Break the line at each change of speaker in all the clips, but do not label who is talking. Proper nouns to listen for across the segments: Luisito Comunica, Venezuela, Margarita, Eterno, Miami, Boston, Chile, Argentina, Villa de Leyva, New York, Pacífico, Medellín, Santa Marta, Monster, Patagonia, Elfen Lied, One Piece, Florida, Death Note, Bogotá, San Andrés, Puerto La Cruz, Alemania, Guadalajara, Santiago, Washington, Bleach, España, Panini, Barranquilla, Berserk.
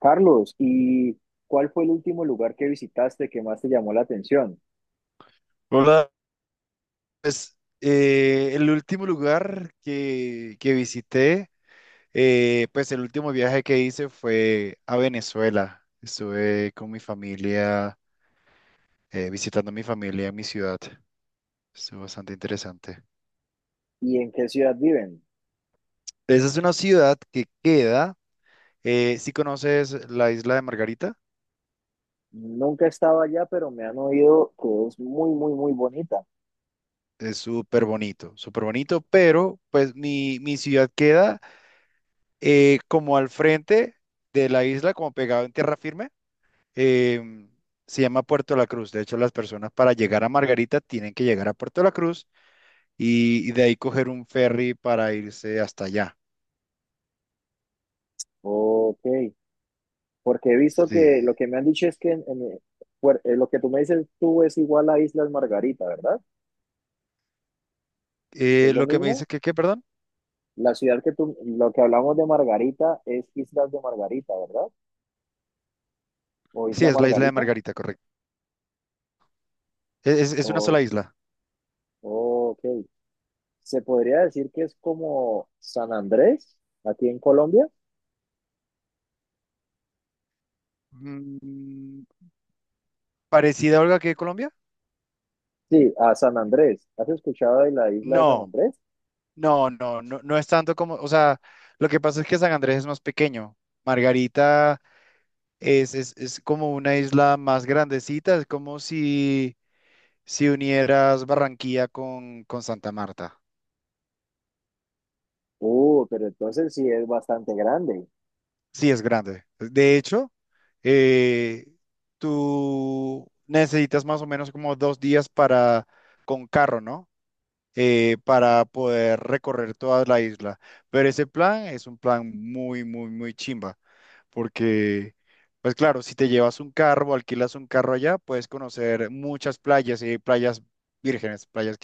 Carlos, ¿y cuál fue el último lugar que visitaste que más te llamó la atención?
Hola, pues, el último lugar que visité, pues el último viaje que hice fue a Venezuela. Estuve con mi familia, visitando a mi familia en mi ciudad. Estuvo bastante interesante.
¿Y en qué ciudad viven?
Esa es una ciudad que queda, si conoces la isla de Margarita,
Nunca he estado allá, pero me han oído que es muy, muy, muy bonita.
es súper bonito, pero pues mi ciudad queda como al frente de la isla, como pegado en tierra firme. eh, Se llama Puerto La Cruz. De hecho, las personas para llegar a Margarita tienen que llegar a Puerto La Cruz y de ahí coger un ferry para irse hasta allá.
Ok, porque he visto
Sí.
que lo que me han dicho es que lo que tú me dices tú es igual a Islas Margarita, ¿verdad? ¿Es lo
Lo que me
mismo?
dice que, ¿qué, perdón?
La ciudad que tú, lo que hablamos de Margarita es Islas de Margarita, ¿verdad? ¿O
Sí,
Isla
es la isla de
Margarita?
Margarita, correcto. Es una sola
Oh,
isla.
ok. Se podría decir que es como San Andrés, aquí en Colombia.
Mm, ¿Parecida, a Olga, que Colombia?
Sí, a San Andrés. ¿Has escuchado de la isla de San
No,
Andrés?
no, no, no, no es tanto como, o sea, lo que pasa es que San Andrés es más pequeño. Margarita es como una isla más grandecita, es como si unieras Barranquilla con Santa Marta.
Pero entonces sí es bastante grande.
Sí, es grande. De hecho, eh, tú necesitas más o menos como 2 días para, con carro, ¿no? Para poder recorrer toda la isla. Pero ese plan es un plan muy, muy, muy chimba. Porque, pues claro, si te llevas un carro o alquilas un carro allá, puedes conocer muchas playas y playas vírgenes, playas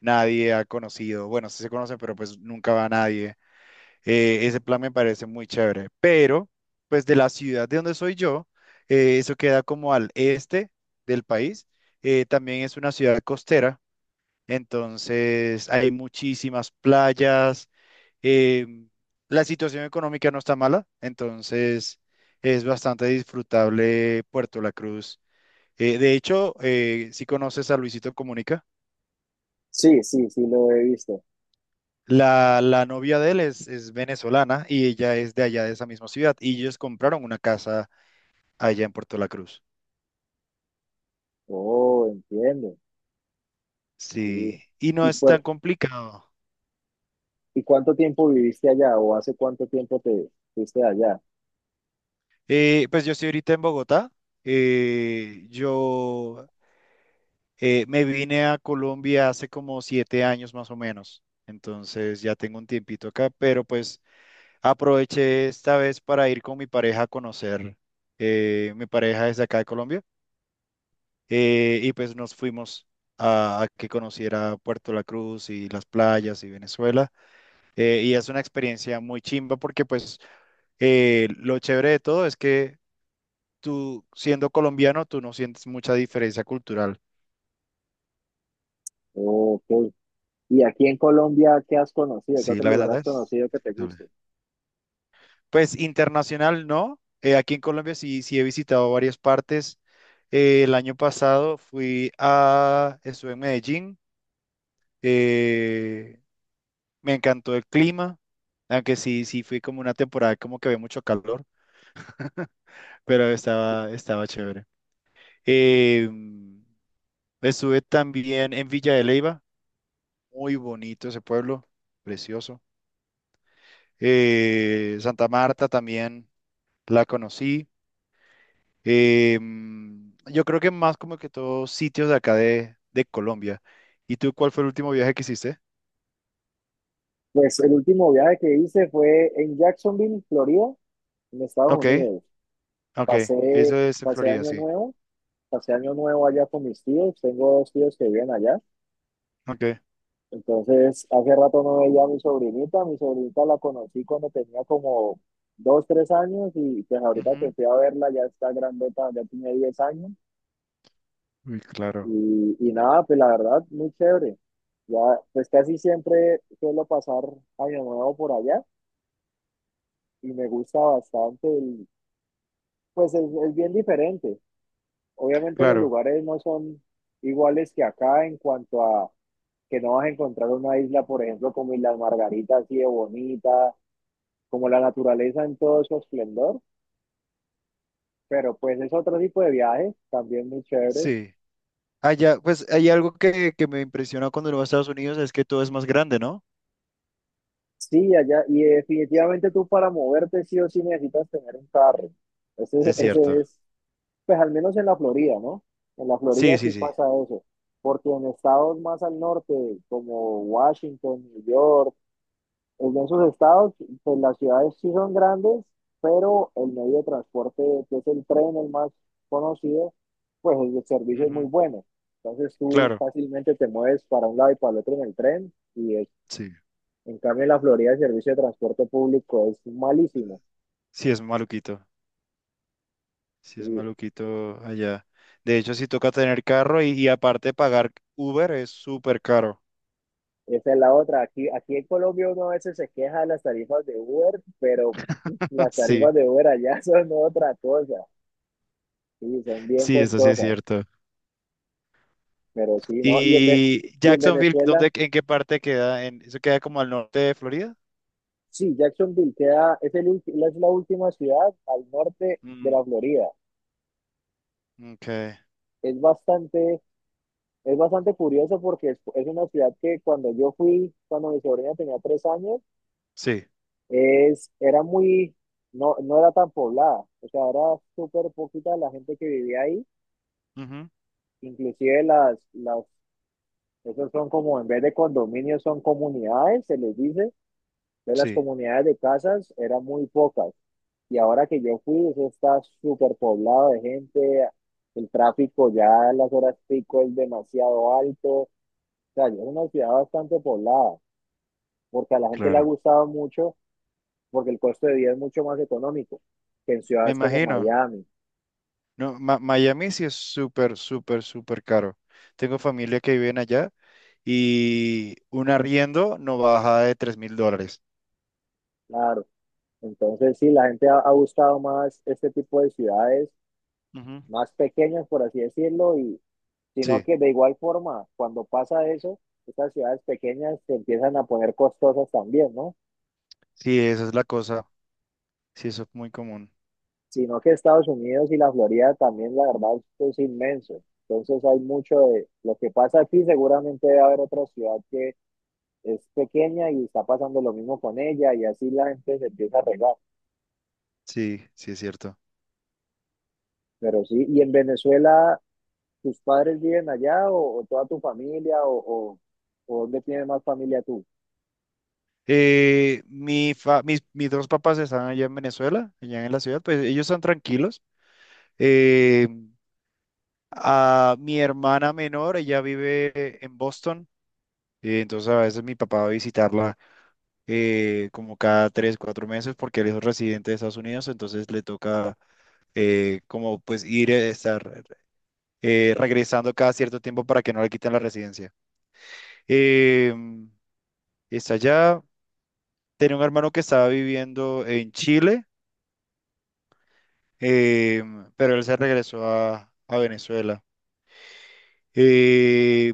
nadie ha conocido. Bueno, sí se conocen, pero pues nunca va nadie. Ese plan me parece muy chévere. Pero, pues de la ciudad de donde soy yo, eso queda como al este del país. También es una ciudad costera, entonces hay muchísimas playas. eh, la situación económica no está mala, entonces es bastante disfrutable Puerto La Cruz. De hecho, ¿si conoces a Luisito Comunica?
Sí, sí, sí lo he visto.
La novia de él es venezolana y ella es de allá de esa misma ciudad y ellos compraron una casa allá en Puerto La Cruz.
Oh, entiendo.
Sí,
Sí.
y no
¿Y
es tan complicado.
y cuánto tiempo viviste allá o hace cuánto tiempo te fuiste allá?
Pues yo estoy ahorita en Bogotá. Yo me vine a Colombia hace como 7 años más o menos. Entonces ya tengo un tiempito acá, pero pues aproveché esta vez para ir con mi pareja a conocer. Mi pareja es de acá de Colombia. Y pues nos fuimos a que conociera Puerto La Cruz y las playas y Venezuela. Y es una experiencia muy chimba porque pues lo chévere de todo es que tú siendo colombiano, tú no sientes mucha diferencia cultural.
Ok. ¿Y aquí en Colombia qué has conocido? ¿Qué
Sí,
otro
la
lugar
verdad
has
es.
conocido que te
Dale.
guste?
Pues internacional no. Aquí en Colombia sí, sí he visitado varias partes. El año pasado estuve en Medellín. eh, Me encantó el clima, aunque sí, sí fui como una temporada como que había mucho calor, pero estaba chévere. Eh, Estuve también en Villa de Leyva, muy bonito ese pueblo, precioso. Santa Marta también la conocí. Eh, yo creo que más como que todos sitios de acá de Colombia. ¿Y tú cuál fue el último viaje que hiciste?
Pues el último viaje que hice fue en Jacksonville, Florida, en Estados
Ok,
Unidos.
ok,
Pasé,
eso es en
pasé
Florida,
año
sí.
nuevo, pasé año nuevo allá con mis tíos, tengo dos tíos que viven allá,
Ok.
entonces hace rato no veía a mi sobrinita la conocí cuando tenía como dos, tres años y pues ahorita que
Ujú.
fui a verla ya está grandota, ya tiene 10 años
Uy, claro,
y nada, pues la verdad, muy chévere. Ya, pues casi siempre suelo pasar año nuevo por allá y me gusta bastante, pues es bien diferente. Obviamente los
claro,
lugares no son iguales que acá en cuanto a que no vas a encontrar una isla, por ejemplo, como Islas Margaritas, así de bonita, como la naturaleza en todo su esplendor, pero pues es otro tipo de viaje, también muy chévere.
sí. Allá, pues hay algo que me impresiona cuando uno va a Estados Unidos es que todo es más grande, ¿no?
Sí, allá, y definitivamente tú para moverte sí o sí necesitas tener un carro. Ese,
Es
ese
cierto.
es, pues al menos en la Florida, ¿no? En la Florida
Sí, sí,
sí
sí.
pasa eso, porque en estados más al norte, como Washington, New York, en esos estados, pues las ciudades sí son grandes, pero el medio de transporte, que es el tren, el más conocido, pues el servicio es muy
Ujú,
bueno. Entonces tú
claro,
fácilmente te mueves para un lado y para el otro en el tren
sí.
en cambio en la Florida el servicio de transporte público es malísimo.
Sí, es maluquito. Sí, es
Y
maluquito allá. De hecho, sí toca tener carro y aparte pagar Uber es súper caro.
esa es la otra. Aquí en Colombia uno a veces se queja de las tarifas de Uber, pero las
Sí,
tarifas de Uber allá son otra cosa. Sí, son bien
sí, eso sí es
costosas,
cierto.
pero sí, ¿no?
¿Y
Y en
Jacksonville,
Venezuela...
dónde, en qué parte queda? Eso queda como al norte de Florida?
Sí, Jacksonville queda, es la última ciudad al norte de
Mm,
la Florida.
ok,
Es bastante, es bastante curioso porque es una ciudad que cuando yo fui, cuando mi sobrina tenía 3 años,
sí.
era muy, no era tan poblada. O sea, era súper poquita la gente que vivía ahí.
Ujú,
Inclusive esos son como, en vez de condominios, son comunidades, se les dice. De las
sí,
comunidades de casas, eran muy pocas. Y ahora que yo fui, eso está súper poblado de gente, el tráfico ya a las horas pico es demasiado alto, o sea, es una ciudad bastante poblada, porque a la gente le ha
claro.
gustado mucho, porque el costo de vida es mucho más económico que en
Me
ciudades como
imagino.
Miami,
No, Miami sí es súper, súper, súper caro. Tengo familia que viven allá y un arriendo no baja de $3,000.
claro. Entonces, sí, ha gustado más este tipo de ciudades
Ujú.
más pequeñas, por así decirlo, y sino
Sí,
que de igual forma, cuando pasa eso, estas ciudades pequeñas se empiezan a poner costosas también, ¿no?
sí, esa es la cosa. Sí, eso es muy común.
Sino que Estados Unidos y la Florida también, la verdad, esto es inmenso. Entonces hay mucho de lo que pasa aquí, seguramente debe haber otra ciudad que es pequeña y está pasando lo mismo con ella y así la gente se empieza a regar.
Sí, sí, es cierto.
Pero sí, ¿y en Venezuela tus padres viven allá o toda tu familia o dónde tienes más familia tú?
Mis dos papás están allá en Venezuela, allá en la ciudad, pues ellos están tranquilos. Eh, a mi hermana menor, ella vive en Boston, entonces a veces mi papá va a visitarla como cada 3, 4 meses, porque él es residente de Estados Unidos, entonces le toca como pues ir, estar regresando cada cierto tiempo para que no le quiten la residencia. Eh, Está allá, tenía un hermano que estaba viviendo en Chile, eh, pero él se regresó a Venezuela. Eh,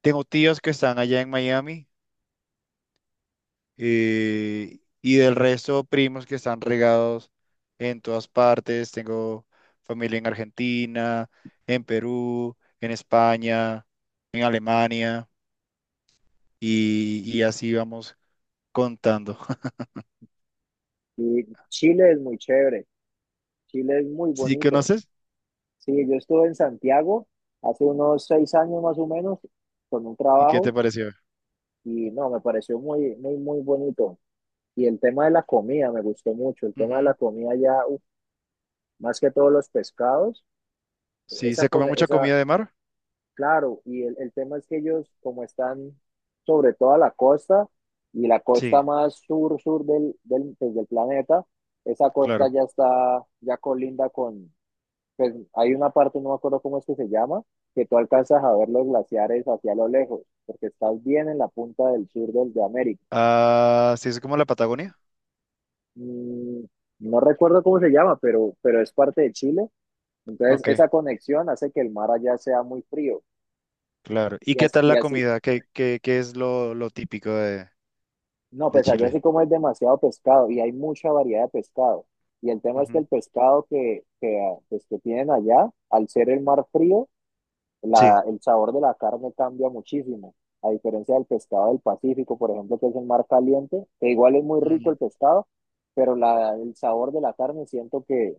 Tengo tíos que están allá en Miami. Y del resto, primos que están regados en todas partes. Tengo familia en Argentina, en Perú, en España, en Alemania, y así vamos contando.
Y Chile es muy chévere, Chile es muy
¿Sí
bonito.
conoces?
Sí, yo estuve en Santiago hace unos 6 años más o menos con un
¿Y qué te
trabajo.
pareció?
Y no, me pareció muy, muy, muy bonito. Y el tema de la comida me gustó mucho. El tema de la
Ujú.
comida ya, uf, más que todos los pescados,
Sí,
esa,
¿se come
con-
mucha
esa,
comida de mar?
claro, el tema es que ellos, como están sobre toda la costa, y la costa
Sí,
más sur, sur pues, del planeta, esa costa
claro.
ya está, ya colinda con, pues hay una parte, no me acuerdo cómo es que se llama, que tú alcanzas a ver los glaciares hacia lo lejos, porque estás bien en la punta del sur de América.
Ah, sí, es como la Patagonia.
Mm, no recuerdo cómo se llama, pero es parte de Chile. Entonces,
Ok,
esa conexión hace que el mar allá sea muy frío.
claro. ¿Y
Y
qué
así,
tal
y
la
así,
comida? ¿Qué es lo típico de,
no,
de
pues allá
Chile?
sí como es demasiado pescado y hay mucha variedad de pescado. Y el tema es que
Ujú.
el pescado que, ah, pues, que tienen allá, al ser el mar frío,
Sí.
el sabor de la carne cambia muchísimo, a diferencia del pescado del Pacífico, por ejemplo, que es el mar caliente, que igual es muy rico
Ujú,
el pescado, pero el sabor de la carne siento que,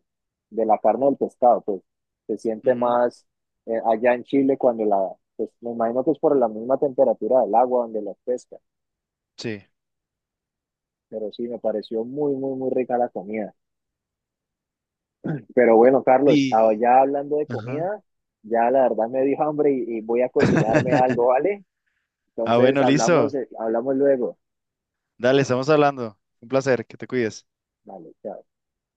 de la carne del pescado, pues se siente
ujú.
más allá en Chile pues me imagino que es por la misma temperatura del agua donde las pesca,
Sí.
pero sí, me pareció muy, muy, muy rica la comida. Pero bueno, Carlos, ah,
Y,
ya hablando de
ajá.
comida, ya la verdad me dio hambre y voy a cocinarme algo, ¿vale?
Ah,
Entonces
bueno, listo.
hablamos luego.
Dale, estamos hablando. Un placer, que te cuides.
Vale, chao.